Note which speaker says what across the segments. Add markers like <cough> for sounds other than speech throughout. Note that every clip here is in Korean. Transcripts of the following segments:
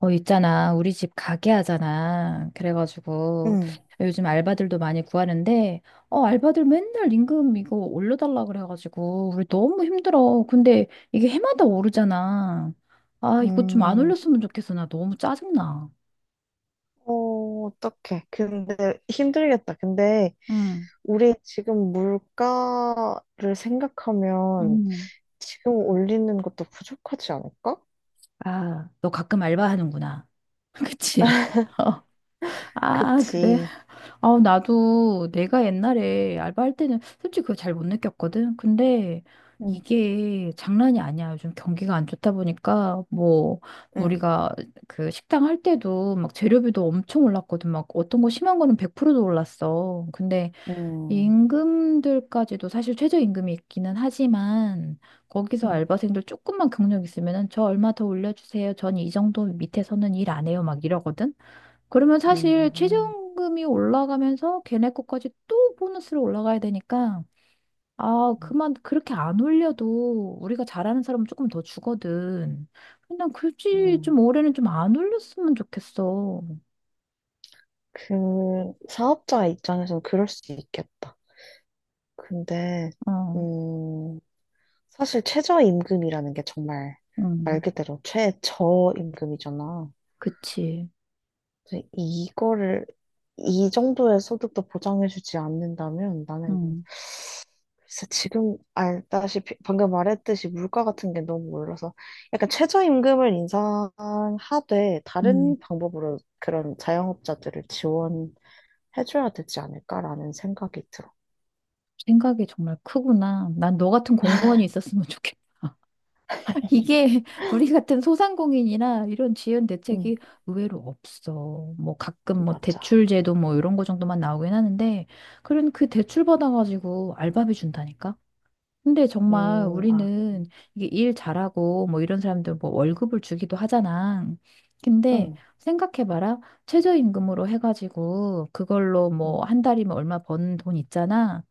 Speaker 1: 있잖아. 우리 집 가게 하잖아. 그래가지고
Speaker 2: 응.
Speaker 1: 요즘 알바들도 많이 구하는데, 알바들 맨날 임금 이거 올려달라 그래가지고 우리 너무 힘들어. 근데 이게 해마다 오르잖아. 아, 이거 좀 안
Speaker 2: 음,
Speaker 1: 올렸으면 좋겠어. 나 너무 짜증나.
Speaker 2: 어떡해. 근데 힘들겠다. 근데
Speaker 1: 응.
Speaker 2: 우리 지금 물가를 생각하면
Speaker 1: 응.
Speaker 2: 지금 올리는 것도 부족하지 않을까?
Speaker 1: 아, 너 가끔 알바하는구나. <laughs> 그치? <laughs>
Speaker 2: <laughs>
Speaker 1: 어. 아, 그래.
Speaker 2: 그치.
Speaker 1: 아, 나도 내가 옛날에 알바할 때는 솔직히 그거 잘 못 느꼈거든. 근데
Speaker 2: 응,
Speaker 1: 이게 장난이 아니야. 요즘 경기가 안 좋다 보니까 뭐
Speaker 2: 응,
Speaker 1: 우리가 그 식당 할 때도 막 재료비도 엄청 올랐거든. 막 어떤 거 심한 거는 100%도 올랐어. 근데
Speaker 2: 응,
Speaker 1: 임금들까지도 사실 최저임금이 있기는 하지만 거기서
Speaker 2: 응,
Speaker 1: 알바생들 조금만 경력 있으면은 저 얼마 더 올려주세요. 전 이 정도 밑에서는 일 안 해요. 막 이러거든. 그러면 사실
Speaker 2: 응,
Speaker 1: 최저임금이 올라가면서 걔네 거까지 또 보너스로 올라가야 되니까, 아,
Speaker 2: 응.
Speaker 1: 그렇게 안 올려도 우리가 잘하는 사람은 조금 더 주거든. 그냥 굳이 좀
Speaker 2: 응.
Speaker 1: 올해는 좀 안 올렸으면 좋겠어.
Speaker 2: 그 사업자 입장에서는 그럴 수 있겠다. 근데
Speaker 1: 어.
Speaker 2: 음, 사실 최저임금이라는 게 정말 말
Speaker 1: 음.
Speaker 2: 그대로 최저임금이잖아.
Speaker 1: 그치.
Speaker 2: 근데 이거를 이 정도의 소득도 보장해주지 않는다면 나는
Speaker 1: 음.
Speaker 2: 글쎄, 지금 알다시피 방금 말했듯이 물가 같은 게 너무 올라서 약간 최저임금을 인상하되
Speaker 1: 음.
Speaker 2: 다른 방법으로 그런 자영업자들을 지원해줘야 되지 않을까라는 생각이 들어.
Speaker 1: 생각이 정말 크구나. 난 너 같은 공무원이 있었으면 <laughs> 좋겠어. 이게 <laughs> 우리 같은 소상공인이나 이런 지연 대책이
Speaker 2: 음,
Speaker 1: 의외로 없어. 뭐 가끔 뭐
Speaker 2: 맞아.
Speaker 1: 대출 제도 뭐 이런 거 정도만 나오긴 하는데 그런 그 대출 받아가지고 알바비 준다니까. 근데 정말
Speaker 2: 아,
Speaker 1: 우리는 이게 일 잘하고 뭐 이런 사람들 뭐 월급을 주기도 하잖아. 근데
Speaker 2: 음,
Speaker 1: 생각해봐라. 최저임금으로 해가지고 그걸로 뭐
Speaker 2: 음,
Speaker 1: 한 달이면 얼마 번 돈 있잖아.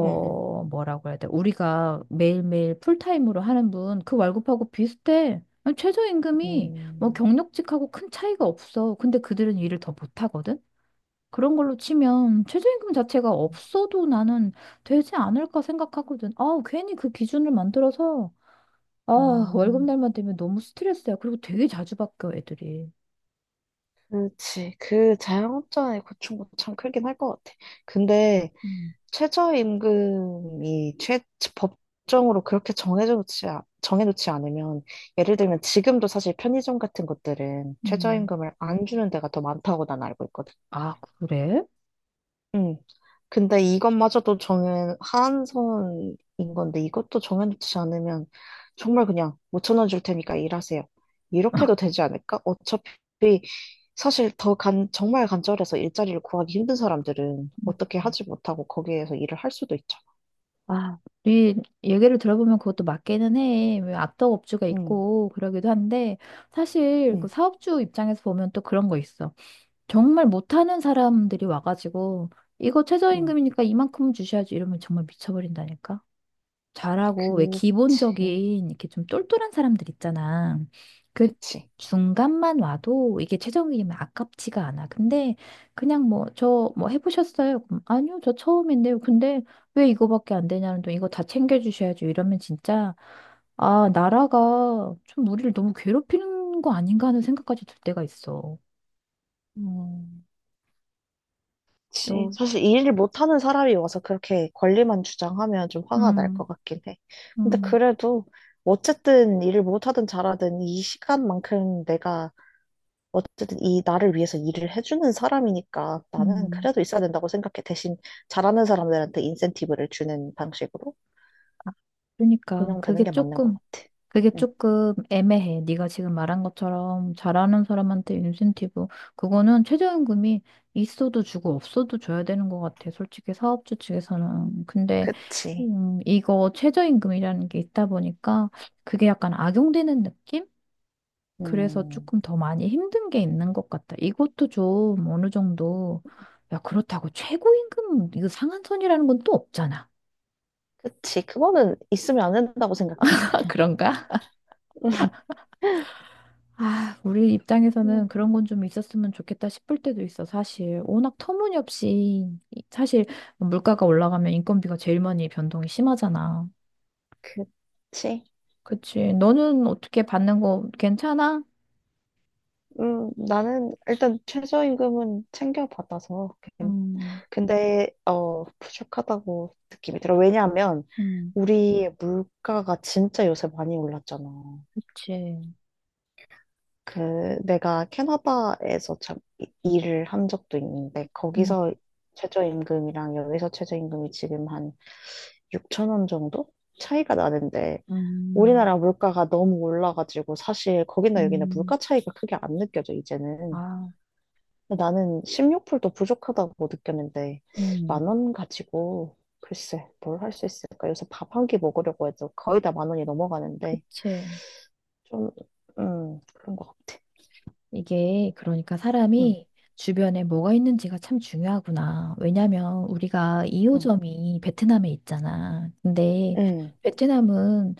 Speaker 2: 음,
Speaker 1: 뭐라고 해야 돼? 우리가 매일매일 풀타임으로 하는 분, 그 월급하고 비슷해. 아니, 최저임금이 뭐
Speaker 2: 음,
Speaker 1: 경력직하고 큰 차이가 없어. 근데 그들은 일을 더 못하거든? 그런 걸로 치면 최저임금 자체가
Speaker 2: 음,
Speaker 1: 없어도 나는 되지 않을까 생각하거든. 아, 괜히 그 기준을 만들어서, 아, 월급
Speaker 2: 음.
Speaker 1: 날만 되면 너무 스트레스야. 그리고 되게 자주 바뀌어, 애들이.
Speaker 2: 그렇지. 그 자영업자의 고충도 참 크긴 할 것 같아. 근데
Speaker 1: 음.
Speaker 2: 최저임금이 최 법정으로 그렇게 정해놓지 않으면 예를 들면 지금도 사실 편의점 같은 것들은
Speaker 1: 음.
Speaker 2: 최저임금을 안 주는 데가 더 많다고 난 알고 있거든.
Speaker 1: 아, 그래?
Speaker 2: 응. 근데 이것마저도 한선인 건데 이것도 정해놓지 않으면 정말 그냥 5천 원 줄 테니까 일하세요. 이렇게도 되지 않을까? 어차피 사실 더 정말 간절해서 일자리를 구하기 힘든 사람들은 어떻게 하지 못하고 거기에서 일을 할 수도 있잖아.
Speaker 1: 아, 네 얘기를 들어보면 그것도 맞기는 해. 왜 악덕업주가
Speaker 2: 응,
Speaker 1: 있고 그러기도 한데 사실 그
Speaker 2: 응,
Speaker 1: 사업주 입장에서 보면 또 그런 거 있어. 정말 못하는 사람들이 와가지고 이거
Speaker 2: 응.
Speaker 1: 최저임금이니까 이만큼 주셔야지 이러면 정말 미쳐버린다니까. 잘하고 왜
Speaker 2: 그치,
Speaker 1: 기본적인 이렇게 좀 똘똘한 사람들 있잖아. 그
Speaker 2: 그치.
Speaker 1: 중간만 와도 이게 최종이면 아깝지가 않아. 근데 그냥 뭐 저 뭐 해보셨어요? 그럼 아니요, 저 처음인데요. 근데 왜 이거밖에 안 되냐는 또 이거 다 챙겨주셔야죠. 이러면 진짜 아 나라가 좀 우리를 너무 괴롭히는 거 아닌가 하는 생각까지 들 때가 있어.
Speaker 2: 음. 그치.
Speaker 1: 또.
Speaker 2: 사실 이 일을 못하는 사람이 와서 그렇게 권리만 주장하면 좀 화가 날
Speaker 1: 음.
Speaker 2: 것 같긴 해. 근데
Speaker 1: 음.
Speaker 2: 그래도 어쨌든 일을 못하든 잘하든 이 시간만큼 내가 어쨌든 이 나를 위해서 일을 해주는 사람이니까 나는
Speaker 1: 음.
Speaker 2: 그래도 있어야 된다고 생각해. 대신 잘하는 사람들한테 인센티브를 주는 방식으로
Speaker 1: 아, 그러니까
Speaker 2: 운영되는
Speaker 1: 그게
Speaker 2: 게 맞는 것
Speaker 1: 조금
Speaker 2: 같아.
Speaker 1: 그게
Speaker 2: 응,
Speaker 1: 조금 애매해. 네가 지금 말한 것처럼 잘하는 사람한테 인센티브 그거는 최저임금이 있어도 주고 없어도 줘야 되는 것 같아. 솔직히 사업주 측에서는. 근데
Speaker 2: 그치.
Speaker 1: 이거 최저임금이라는 게 있다 보니까 그게 약간 악용되는 느낌? 그래서
Speaker 2: 음,
Speaker 1: 조금 더 많이 힘든 게 있는 것 같다. 이것도 좀 어느 정도. 야, 그렇다고 최고임금 이거 상한선이라는 건 또 없잖아.
Speaker 2: 그치. 그거는 있으면 안 된다고 생각해.
Speaker 1: <laughs> 그런가?
Speaker 2: <laughs>
Speaker 1: 아, 우리 입장에서는
Speaker 2: 음.
Speaker 1: 그런 건 좀 있었으면 좋겠다 싶을 때도 있어, 사실. 워낙 터무니없이, 사실 뭐 물가가 올라가면 인건비가 제일 많이 변동이 심하잖아.
Speaker 2: 그치.
Speaker 1: 그치. 너는 어떻게 받는 거 괜찮아?
Speaker 2: 나는 일단 최저임금은 챙겨받아서.
Speaker 1: 음.
Speaker 2: 근데, 부족하다고 느낌이 들어. 왜냐하면,
Speaker 1: 음.
Speaker 2: 우리의 물가가 진짜 요새 많이 올랐잖아.
Speaker 1: 그치.
Speaker 2: 그, 내가 캐나다에서 참 일을 한 적도 있는데,
Speaker 1: 음.
Speaker 2: 거기서 최저임금이랑 여기서 최저임금이 지금 한 6천 원 정도? 차이가 나는데,
Speaker 1: 음.
Speaker 2: 우리나라 물가가 너무 올라가지고, 사실 거기나 여기나
Speaker 1: 음.
Speaker 2: 물가 차이가 크게 안 느껴져, 이제는.
Speaker 1: 아.
Speaker 2: 나는 16불도 부족하다고 느꼈는데,
Speaker 1: 음.
Speaker 2: 만 원 가지고, 글쎄, 뭘 할 수 있을까? 요새 밥 한 끼 먹으려고 해도 거의 다 만 원이 넘어가는데,
Speaker 1: 그치.
Speaker 2: 좀, 그런 것 같아.
Speaker 1: 이게 그러니까
Speaker 2: 응,
Speaker 1: 사람이 주변에 뭐가 있는지가 참 중요하구나. 왜냐면 우리가
Speaker 2: 응,
Speaker 1: 2호점이 베트남에 있잖아. 근데
Speaker 2: 응,
Speaker 1: 베트남은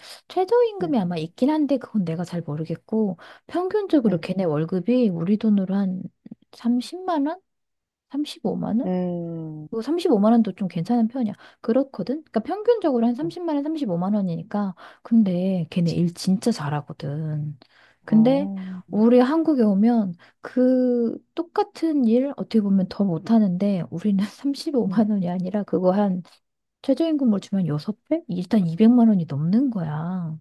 Speaker 2: 응,
Speaker 1: 최저임금이 아마 있긴 한데 그건 내가 잘 모르겠고 평균적으로
Speaker 2: 응,
Speaker 1: 걔네 월급이 우리 돈으로 한 30만 원? 35만 원?
Speaker 2: 응,
Speaker 1: 뭐 35만 원도 좀 괜찮은 편이야. 그렇거든? 그러니까 평균적으로 한
Speaker 2: 응,
Speaker 1: 30만 원, 35만 원이니까. 근데 걔네
Speaker 2: 그
Speaker 1: 일 진짜 잘하거든. 근데
Speaker 2: 어,
Speaker 1: 우리 한국에 오면 그 똑같은 일 어떻게 보면 더 못하는데 우리는 <laughs>
Speaker 2: 응,
Speaker 1: 35만 원이 아니라 그거 한 최저임금으로 주면 6배 일단 200만 원이 넘는 거야.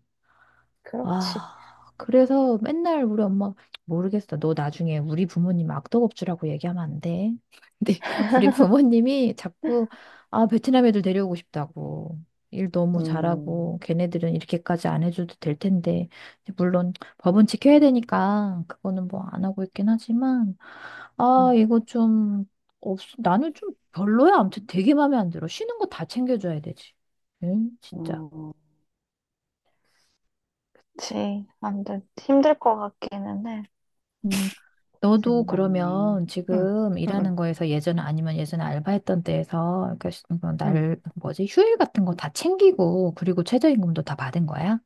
Speaker 2: 그렇지.
Speaker 1: 아, 그래서 맨날 우리 엄마 모르겠어. 너 나중에 우리 부모님 악덕업주라고 얘기하면 안 돼. <laughs> 근데 우리 부모님이 자꾸 아, 베트남 애들 데려오고 싶다고. 일 너무
Speaker 2: 음,
Speaker 1: 잘하고 걔네들은 이렇게까지 안 해줘도 될 텐데. 근데 물론 법은 지켜야 되니까 그거는 뭐 안 하고 있긴 하지만 아,
Speaker 2: 응,
Speaker 1: 이거 좀 나는 좀 별로야. 아무튼 되게 마음에 안 들어. 쉬는 거 다 챙겨줘야 되지. 응, 진짜.
Speaker 2: 음, 그치. 안 돼. 힘들 것 같기는 해.
Speaker 1: 음. 너도
Speaker 2: 고생이 많네.
Speaker 1: 그러면
Speaker 2: 응,
Speaker 1: 지금
Speaker 2: 응, 응,
Speaker 1: 일하는 거에서 예전 아니면 예전에 알바했던 때에서 그러니까
Speaker 2: 응.
Speaker 1: 뭐날 뭐지 휴일 같은 거 다 챙기고 그리고 최저임금도 다 받은 거야?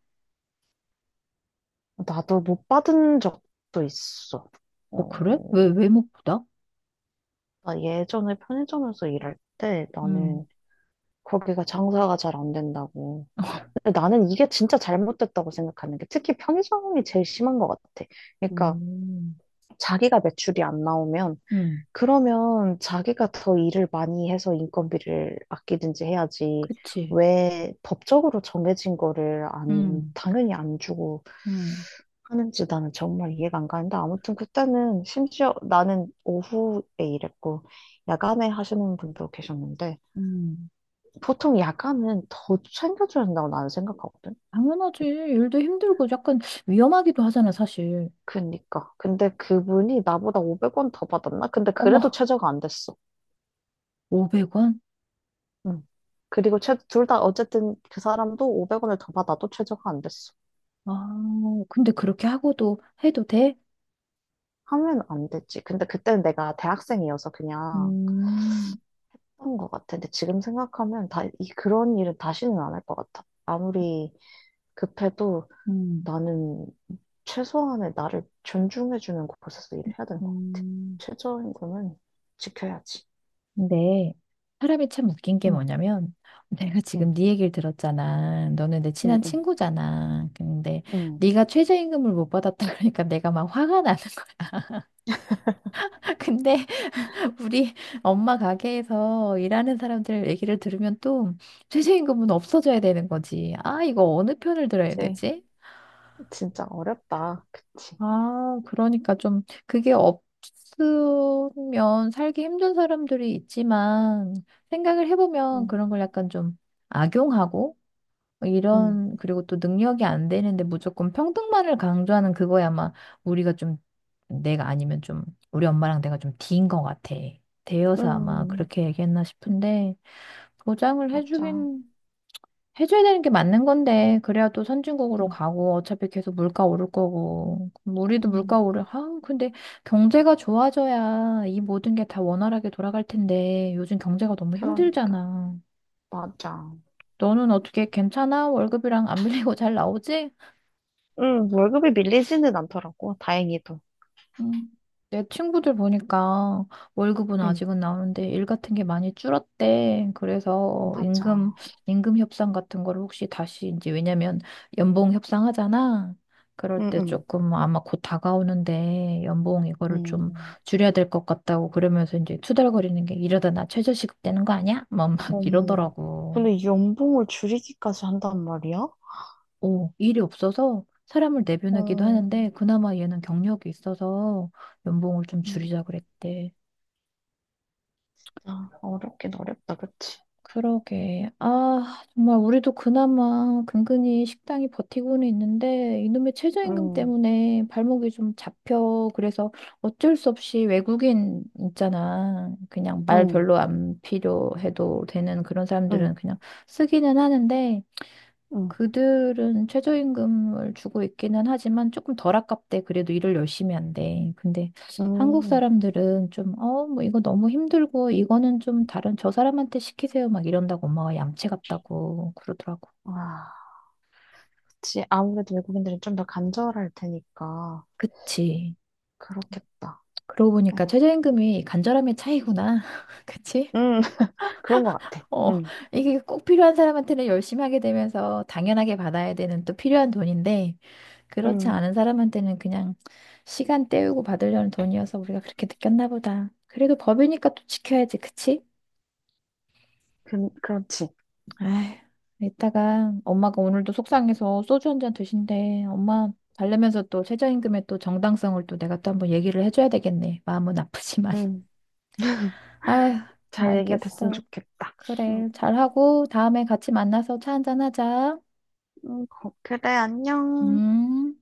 Speaker 2: 나도 못 받은 적도 있어.
Speaker 1: 어 그래? 왜
Speaker 2: 어,
Speaker 1: 왜 못 받아?
Speaker 2: 나 예전에 편의점에서 일할 때
Speaker 1: 음.
Speaker 2: 나는 거기가 장사가 잘 안 된다고. 근데 나는 이게 진짜 잘못됐다고 생각하는 게 특히 편의점이 제일 심한 것 같아. 그러니까
Speaker 1: 음.
Speaker 2: 자기가 매출이 안 나오면
Speaker 1: 음.
Speaker 2: 그러면 자기가 더 일을 많이 해서 인건비를 아끼든지 해야지.
Speaker 1: 그치.
Speaker 2: 왜 법적으로 정해진 거를 안,
Speaker 1: 음.
Speaker 2: 당연히 안 주고
Speaker 1: 음.
Speaker 2: 하는지 나는 정말 이해가 안 가는데 아무튼 그때는 심지어 나는 오후에 일했고 야간에 하시는 분도 계셨는데
Speaker 1: 음.
Speaker 2: 보통 야간은 더 챙겨줘야 된다고 나는 생각하거든.
Speaker 1: 당연하지. 일도 힘들고 약간 위험하기도 하잖아, 사실.
Speaker 2: 그니까. 근데 그분이 나보다 500원 더 받았나? 근데 그래도
Speaker 1: 어머,
Speaker 2: 최저가 안 됐어.
Speaker 1: 500원?
Speaker 2: 응. 그리고 둘 다 어쨌든 그 사람도 500원을 더 받아도 최저가 안 됐어.
Speaker 1: 아, 근데 그렇게 하고도 해도 돼?
Speaker 2: 하면 안 됐지. 근데 그때는 내가 대학생이어서 그냥
Speaker 1: 음.
Speaker 2: 한 것 같아. 근데 지금 생각하면 그런 일은 다시는 안 할 것 같아. 아무리 급해도
Speaker 1: 음.
Speaker 2: 나는 최소한의 나를 존중해주는 곳에서 일을 해야 되는 것 같아.
Speaker 1: 음.
Speaker 2: 최저임금은 지켜야지.
Speaker 1: 근데 사람이 참 웃긴 게
Speaker 2: 응,
Speaker 1: 뭐냐면 내가 지금
Speaker 2: 응,
Speaker 1: 네 얘기를 들었잖아. 너는 내
Speaker 2: 응,
Speaker 1: 친한
Speaker 2: 응,
Speaker 1: 친구잖아. 근데
Speaker 2: 응.
Speaker 1: 네가 최저임금을 못 받았다 <laughs> 그러니까 내가 막 화가 나는 거야. <laughs> 근데 우리 엄마 가게에서 일하는 사람들 얘기를 들으면 또 최저임금은 없어져야 되는 거지. 아, 이거 어느 편을 들어야
Speaker 2: 그치.
Speaker 1: 되지?
Speaker 2: 진짜 어렵다. 그치.
Speaker 1: 아, 그러니까 좀 그게 없으면 살기 힘든 사람들이 있지만 생각을 해보면
Speaker 2: 응,
Speaker 1: 그런 걸 약간 좀 악용하고
Speaker 2: 응,
Speaker 1: 이런, 그리고 또 능력이 안 되는데 무조건 평등만을 강조하는 그거야 아마 우리가 좀, 내가 아니면 좀, 우리 엄마랑 내가 좀 D인 것 같아. 대여서 아마
Speaker 2: 응.
Speaker 1: 그렇게 얘기했나 싶은데, 보장을
Speaker 2: 맞아.
Speaker 1: 해주긴, 해줘야 되는 게 맞는 건데, 그래야 또 선진국으로 가고, 어차피 계속 물가 오를 거고, 그럼 우리도 물가
Speaker 2: 음,
Speaker 1: 오를, 아, 근데 경제가 좋아져야 이 모든 게 다 원활하게 돌아갈 텐데, 요즘 경제가 너무
Speaker 2: 그러니까.
Speaker 1: 힘들잖아.
Speaker 2: 맞아.
Speaker 1: 너는 어떻게 괜찮아? 월급이랑 안 밀리고 잘 나오지?
Speaker 2: 월급이 밀리지는 않더라고, 다행히도.
Speaker 1: 음, 내 친구들 보니까 월급은
Speaker 2: 음,
Speaker 1: 아직은 나오는데 일 같은 게 많이 줄었대. 그래서 임금,
Speaker 2: 맞아.
Speaker 1: 임금 협상 같은 걸 혹시 다시 이제 왜냐면 연봉 협상하잖아. 그럴
Speaker 2: 음,
Speaker 1: 때
Speaker 2: 음,
Speaker 1: 조금 아마 곧 다가오는데 연봉 이거를 좀
Speaker 2: 음.
Speaker 1: 줄여야 될 것 같다고 그러면서 이제 투덜거리는 게 이러다 나 최저시급 되는 거 아니야? 막,
Speaker 2: 어,
Speaker 1: 막
Speaker 2: 음,
Speaker 1: 이러더라고.
Speaker 2: 근데 연봉을 줄이기까지 한단 말이야?
Speaker 1: 일이 없어서 사람을 내보내기도
Speaker 2: 어,
Speaker 1: 하는데 그나마 얘는 경력이 있어서 연봉을 좀
Speaker 2: 음,
Speaker 1: 줄이자 그랬대.
Speaker 2: 어렵긴 어렵다, 그치?
Speaker 1: 그러게. 아, 정말 우리도 그나마 근근히 식당이 버티고는 있는데 이놈의 최저임금
Speaker 2: 음,
Speaker 1: 때문에 발목이 좀 잡혀. 그래서 어쩔 수 없이 외국인 있잖아. 그냥 말
Speaker 2: 음,
Speaker 1: 별로 안 필요해도 되는 그런 사람들은
Speaker 2: 음,
Speaker 1: 그냥 쓰기는 하는데
Speaker 2: 음,
Speaker 1: 그들은 최저임금을 주고 있기는 하지만 조금 덜 아깝대. 그래도 일을 열심히 한대. 근데 한국
Speaker 2: 음.
Speaker 1: 사람들은 좀, 뭐 이거 너무 힘들고 이거는 좀 다른 저 사람한테 시키세요. 막 이런다고 엄마가 얌체 같다고 그러더라고.
Speaker 2: 아, 그치. 아무래도 외국인들은 좀 더 간절할 테니까.
Speaker 1: 그치.
Speaker 2: 그렇겠다.
Speaker 1: 그러고 보니까
Speaker 2: 에휴,
Speaker 1: 최저임금이 간절함의 차이구나. <laughs> 그치?
Speaker 2: 음, <laughs> 그런 것 같아.
Speaker 1: 어,
Speaker 2: 음,
Speaker 1: 이게 꼭 필요한 사람한테는 열심히 하게 되면서 당연하게 받아야 되는 또 필요한 돈인데, 그렇지
Speaker 2: 음,
Speaker 1: 않은 사람한테는 그냥 시간 때우고 받으려는 돈이어서 우리가 그렇게 느꼈나 보다. 그래도 법이니까 또 지켜야지, 그치?
Speaker 2: 그렇지.
Speaker 1: 아휴, 이따가 엄마가 오늘도 속상해서 소주 한잔 드신대. 엄마 달래면서 또 최저임금의 또 정당성을 또 내가 또 한번 얘기를 해줘야 되겠네. 마음은 아프지만.
Speaker 2: 응.
Speaker 1: <laughs> 아휴,
Speaker 2: 잘 얘기가 됐으면
Speaker 1: 알겠어.
Speaker 2: 좋겠다. 응,
Speaker 1: 그래, 잘하고 다음에 같이 만나서 차 한잔 하자.
Speaker 2: 응, 그래, 안녕.
Speaker 1: 음.